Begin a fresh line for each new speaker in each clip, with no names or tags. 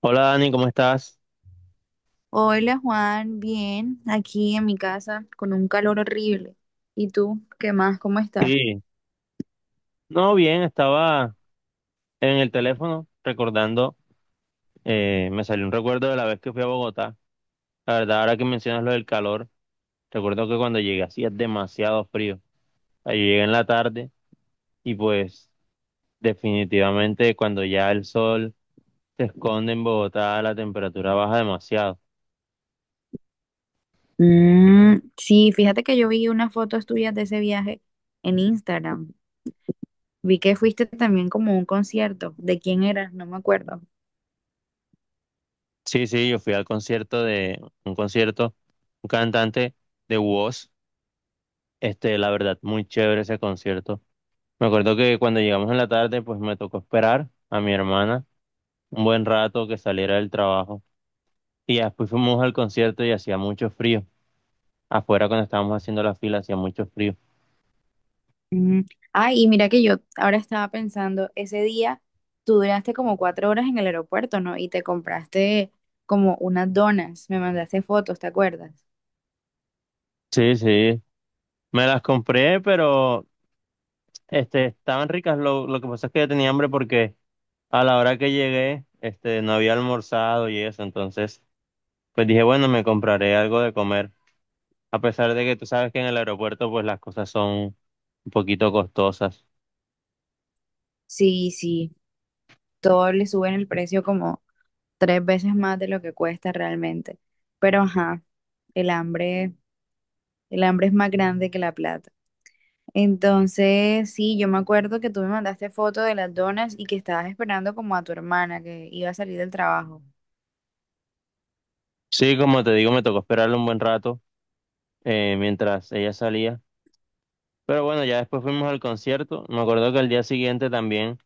Hola Dani, ¿cómo estás?
Hola Juan, bien, aquí en mi casa con un calor horrible. ¿Y tú, qué más? ¿Cómo estás?
Sí, no, bien, estaba en el teléfono recordando, me salió un recuerdo de la vez que fui a Bogotá. La verdad, ahora que mencionas lo del calor, recuerdo que cuando llegué hacía demasiado frío. Ahí llegué en la tarde y pues definitivamente cuando ya el sol se esconde en Bogotá, la temperatura baja demasiado.
Mm, sí, fíjate que yo vi unas fotos tuyas de ese viaje en Instagram. Vi que fuiste también como a un concierto. ¿De quién eras? No me acuerdo.
Sí, sí, yo fui al concierto de un concierto, un cantante de WOS, este, la verdad, muy chévere ese concierto. Me acuerdo que cuando llegamos en la tarde, pues me tocó esperar a mi hermana un buen rato que saliera del trabajo. Y ya después fuimos al concierto y hacía mucho frío. Afuera cuando estábamos haciendo la fila hacía mucho frío.
Mm. Ay, y mira que yo ahora estaba pensando, ese día tú duraste como 4 horas en el aeropuerto, ¿no? Y te compraste como unas donas, me mandaste fotos, ¿te acuerdas?
Sí, sí. Me las compré, pero este, estaban ricas. Lo que pasa es que yo tenía hambre porque a la hora que llegué, este, no había almorzado y eso. Entonces, pues dije, bueno, me compraré algo de comer. A pesar de que tú sabes que en el aeropuerto, pues las cosas son un poquito costosas.
Sí, sí, todo le suben el precio como tres veces más de lo que cuesta realmente. Pero ajá, el hambre, el hambre es más grande que la plata. Entonces, sí, yo me acuerdo que tú me mandaste foto de las donas y que estabas esperando como a tu hermana que iba a salir del trabajo.
Sí, como te digo, me tocó esperarlo un buen rato mientras ella salía. Pero bueno, ya después fuimos al concierto. Me acuerdo que al día siguiente también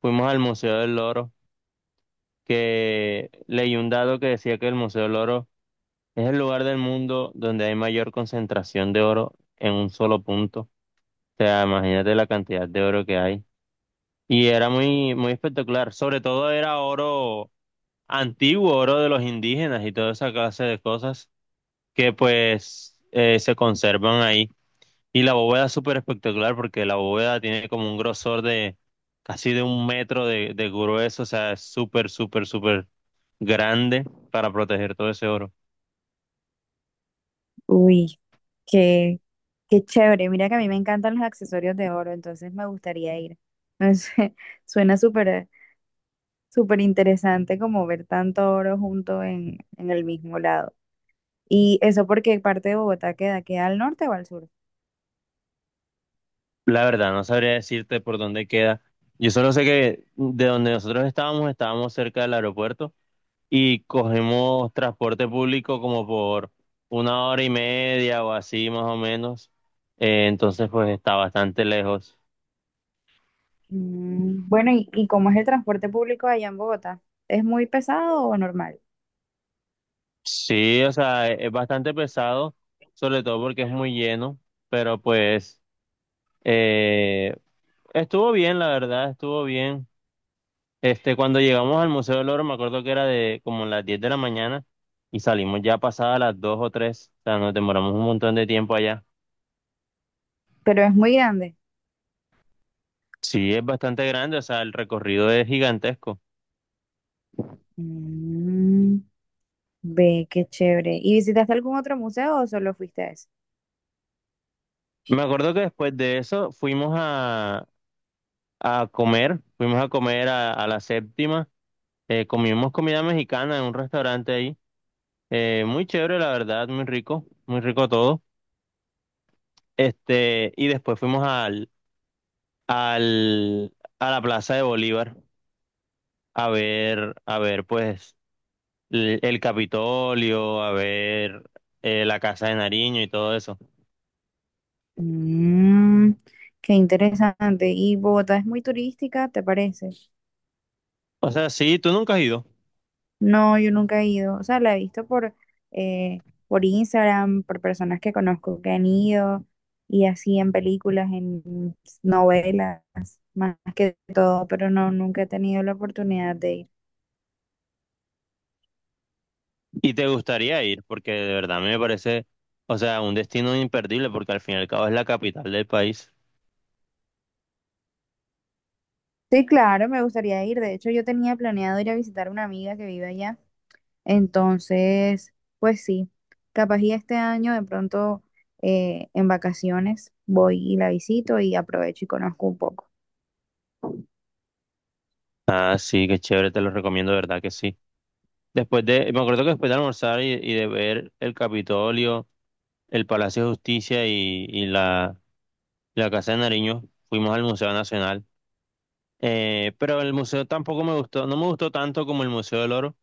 fuimos al Museo del Loro, que leí un dato que decía que el Museo del Loro es el lugar del mundo donde hay mayor concentración de oro en un solo punto. O sea, imagínate la cantidad de oro que hay. Y era muy, muy espectacular. Sobre todo era oro antiguo, oro de los indígenas y toda esa clase de cosas que pues se conservan ahí. Y la bóveda es súper espectacular porque la bóveda tiene como un grosor de casi de un metro de grueso, o sea, es súper, súper, súper grande para proteger todo ese oro.
Uy, qué, qué chévere. Mira que a mí me encantan los accesorios de oro, entonces me gustaría ir. No sé, suena súper, súper interesante como ver tanto oro junto en el mismo lado. ¿Y eso porque parte de Bogotá queda? ¿Queda al norte o al sur?
La verdad, no sabría decirte por dónde queda. Yo solo sé que de donde nosotros estábamos, estábamos cerca del aeropuerto y cogemos transporte público como por una hora y media o así más o menos. Entonces, pues está bastante lejos.
Mm, bueno, ¿y cómo es el transporte público allá en Bogotá? ¿Es muy pesado o normal?
Sí, o sea, es bastante pesado, sobre todo porque es muy lleno, pero pues eh, estuvo bien, la verdad, estuvo bien. Este, cuando llegamos al Museo del Oro, me acuerdo que era de como las 10 de la mañana y salimos ya pasadas las 2 o 3, o sea, nos demoramos un montón de tiempo allá.
Pero es muy grande.
Sí, es bastante grande, o sea, el recorrido es gigantesco.
Mm, ve, qué chévere. ¿Y visitaste algún otro museo o solo fuiste a ese?
Me acuerdo que después de eso fuimos a comer, fuimos a comer a la séptima, comimos comida mexicana en un restaurante. Muy chévere, la verdad, muy rico todo. Este, y después fuimos al, a la Plaza de Bolívar a ver, pues, el Capitolio, a ver la Casa de Nariño y todo eso.
Mm, qué interesante. ¿Y Bogotá es muy turística, te parece?
O sea, sí, tú nunca has ido
No, yo nunca he ido. O sea, la he visto por Instagram, por personas que conozco que han ido y así en películas, en novelas, más que todo, pero no, nunca he tenido la oportunidad de ir.
y te gustaría ir, porque de verdad a mí me parece, o sea, un destino imperdible, porque al fin y al cabo es la capital del país.
Sí, claro, me gustaría ir. De hecho, yo tenía planeado ir a visitar a una amiga que vive allá. Entonces, pues sí, capaz y este año de pronto en vacaciones voy y la visito y aprovecho y conozco un poco.
Ah, sí, qué chévere, te lo recomiendo, de verdad que sí. Después de, me acuerdo que después de almorzar y de ver el Capitolio. El Palacio de Justicia y la Casa de Nariño. Fuimos al Museo Nacional. Pero el museo tampoco me gustó, no me gustó tanto como el Museo del Oro,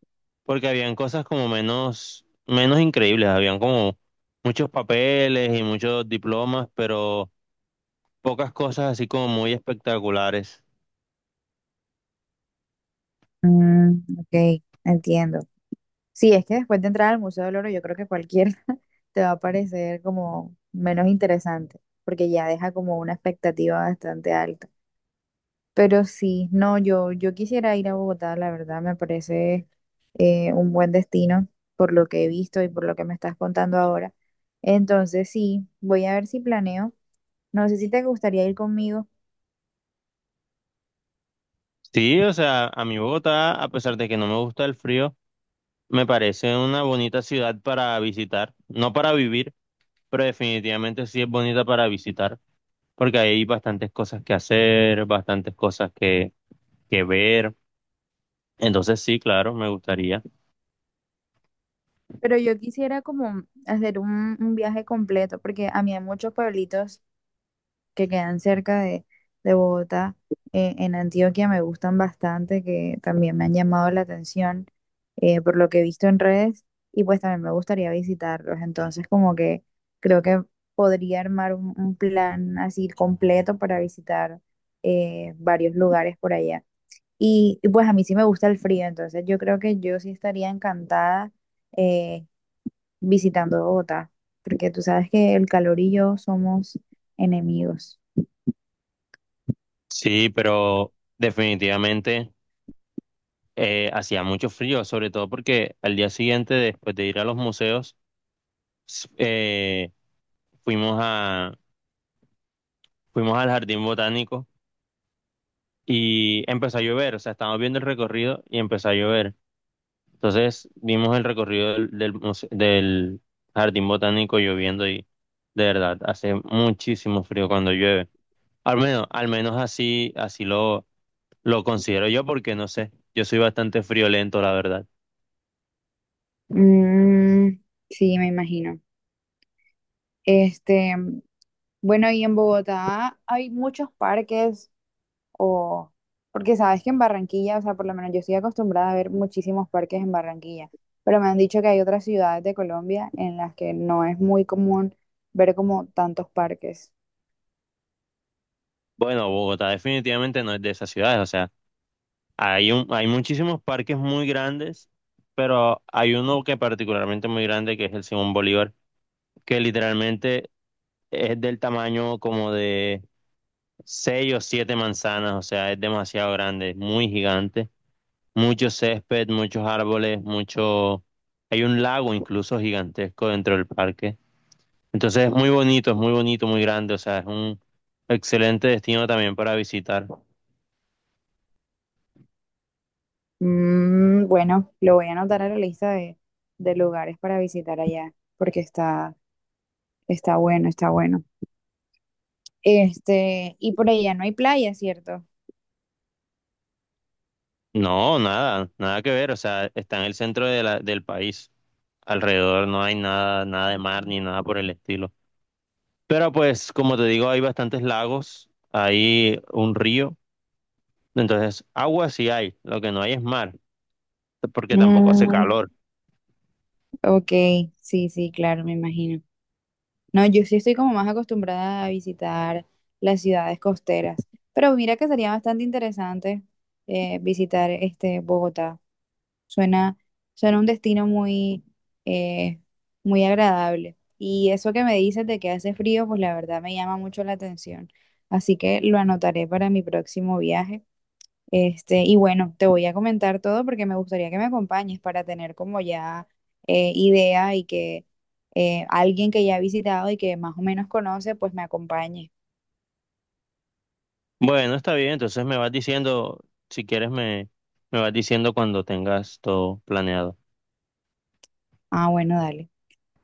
porque habían cosas como menos, menos increíbles, habían como muchos papeles y muchos diplomas, pero pocas cosas así como muy espectaculares.
Mm, ok, entiendo. Sí, es que después de entrar al Museo del Oro, yo creo que cualquier te va a parecer como menos interesante, porque ya deja como una expectativa bastante alta. Pero sí, no, yo quisiera ir a Bogotá, la verdad, me parece un buen destino por lo que he visto y por lo que me estás contando ahora. Entonces sí, voy a ver si planeo. No sé si te gustaría ir conmigo,
Sí, o sea, a mi Bogotá, a pesar de que no me gusta el frío, me parece una bonita ciudad para visitar, no para vivir, pero definitivamente sí es bonita para visitar, porque hay bastantes cosas que hacer, bastantes cosas que ver. Entonces sí, claro, me gustaría.
pero yo quisiera como hacer un viaje completo, porque a mí hay muchos pueblitos que quedan cerca de Bogotá, en Antioquia me gustan bastante, que también me han llamado la atención por lo que he visto en redes y pues también me gustaría visitarlos. Entonces como que creo que podría armar un plan así completo para visitar varios lugares por allá. Pues a mí sí me gusta el frío, entonces yo creo que yo sí estaría encantada eh, visitando Bogotá, porque tú sabes que el calor y yo somos enemigos.
Sí, pero definitivamente hacía mucho frío, sobre todo porque al día siguiente, después de ir a los museos, s- eh, fuimos al jardín botánico y empezó a llover, o sea, estábamos viendo el recorrido y empezó a llover. Entonces vimos el recorrido del jardín botánico lloviendo y de verdad, hace muchísimo frío cuando llueve. Al menos así, así lo considero yo, porque no sé, yo soy bastante friolento, la verdad.
Mm, sí, me imagino. Este, bueno, y en Bogotá hay muchos parques o porque sabes que en Barranquilla, o sea, por lo menos yo estoy acostumbrada a ver muchísimos parques en Barranquilla, pero me han dicho que hay otras ciudades de Colombia en las que no es muy común ver como tantos parques.
Bueno, Bogotá definitivamente no es de esas ciudades, o sea, hay muchísimos parques muy grandes, pero hay uno que particularmente muy grande, que es el Simón Bolívar, que literalmente es del tamaño como de 6 o 7 manzanas, o sea, es demasiado grande, es muy gigante, mucho césped, muchos árboles, mucho, hay un lago incluso gigantesco dentro del parque. Entonces es muy bonito, muy grande, o sea, es un excelente destino también para visitar.
Mm, bueno, lo voy a anotar a la lista de lugares para visitar allá, porque está bueno, está bueno. Y por allá no hay playa, ¿cierto?
No, nada, nada que ver, o sea, está en el centro de del país. Alrededor no hay nada, nada de mar ni nada por el estilo. Pero pues, como te digo, hay bastantes lagos, hay un río, entonces agua sí hay, lo que no hay es mar, porque tampoco hace
Mm,
calor.
ok, sí, sí, claro, me imagino. No, yo sí estoy como más acostumbrada a visitar las ciudades costeras, pero mira que sería bastante interesante visitar este Bogotá. Suena, suena un destino eh, muy agradable. Y eso que me dices de que hace frío, pues la verdad me llama mucho la atención. Así que lo anotaré para mi próximo viaje. Y bueno, te voy a comentar todo porque me gustaría que me acompañes para tener como ya idea y que alguien que ya ha visitado y que más o menos conoce, pues me acompañe.
Bueno, está bien, entonces me vas diciendo, si quieres me, me vas diciendo cuando tengas todo planeado.
Ah, bueno, dale.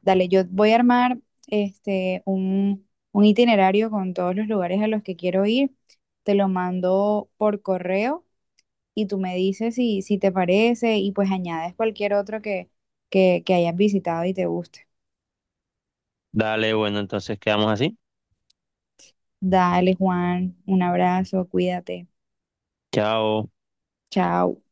Dale, yo voy a armar un itinerario con todos los lugares a los que quiero ir. Te lo mando por correo y tú me dices si te parece y pues añades cualquier otro que hayas visitado y te guste.
Dale, bueno, entonces quedamos así.
Dale, Juan, un abrazo, cuídate.
Chao.
Chao.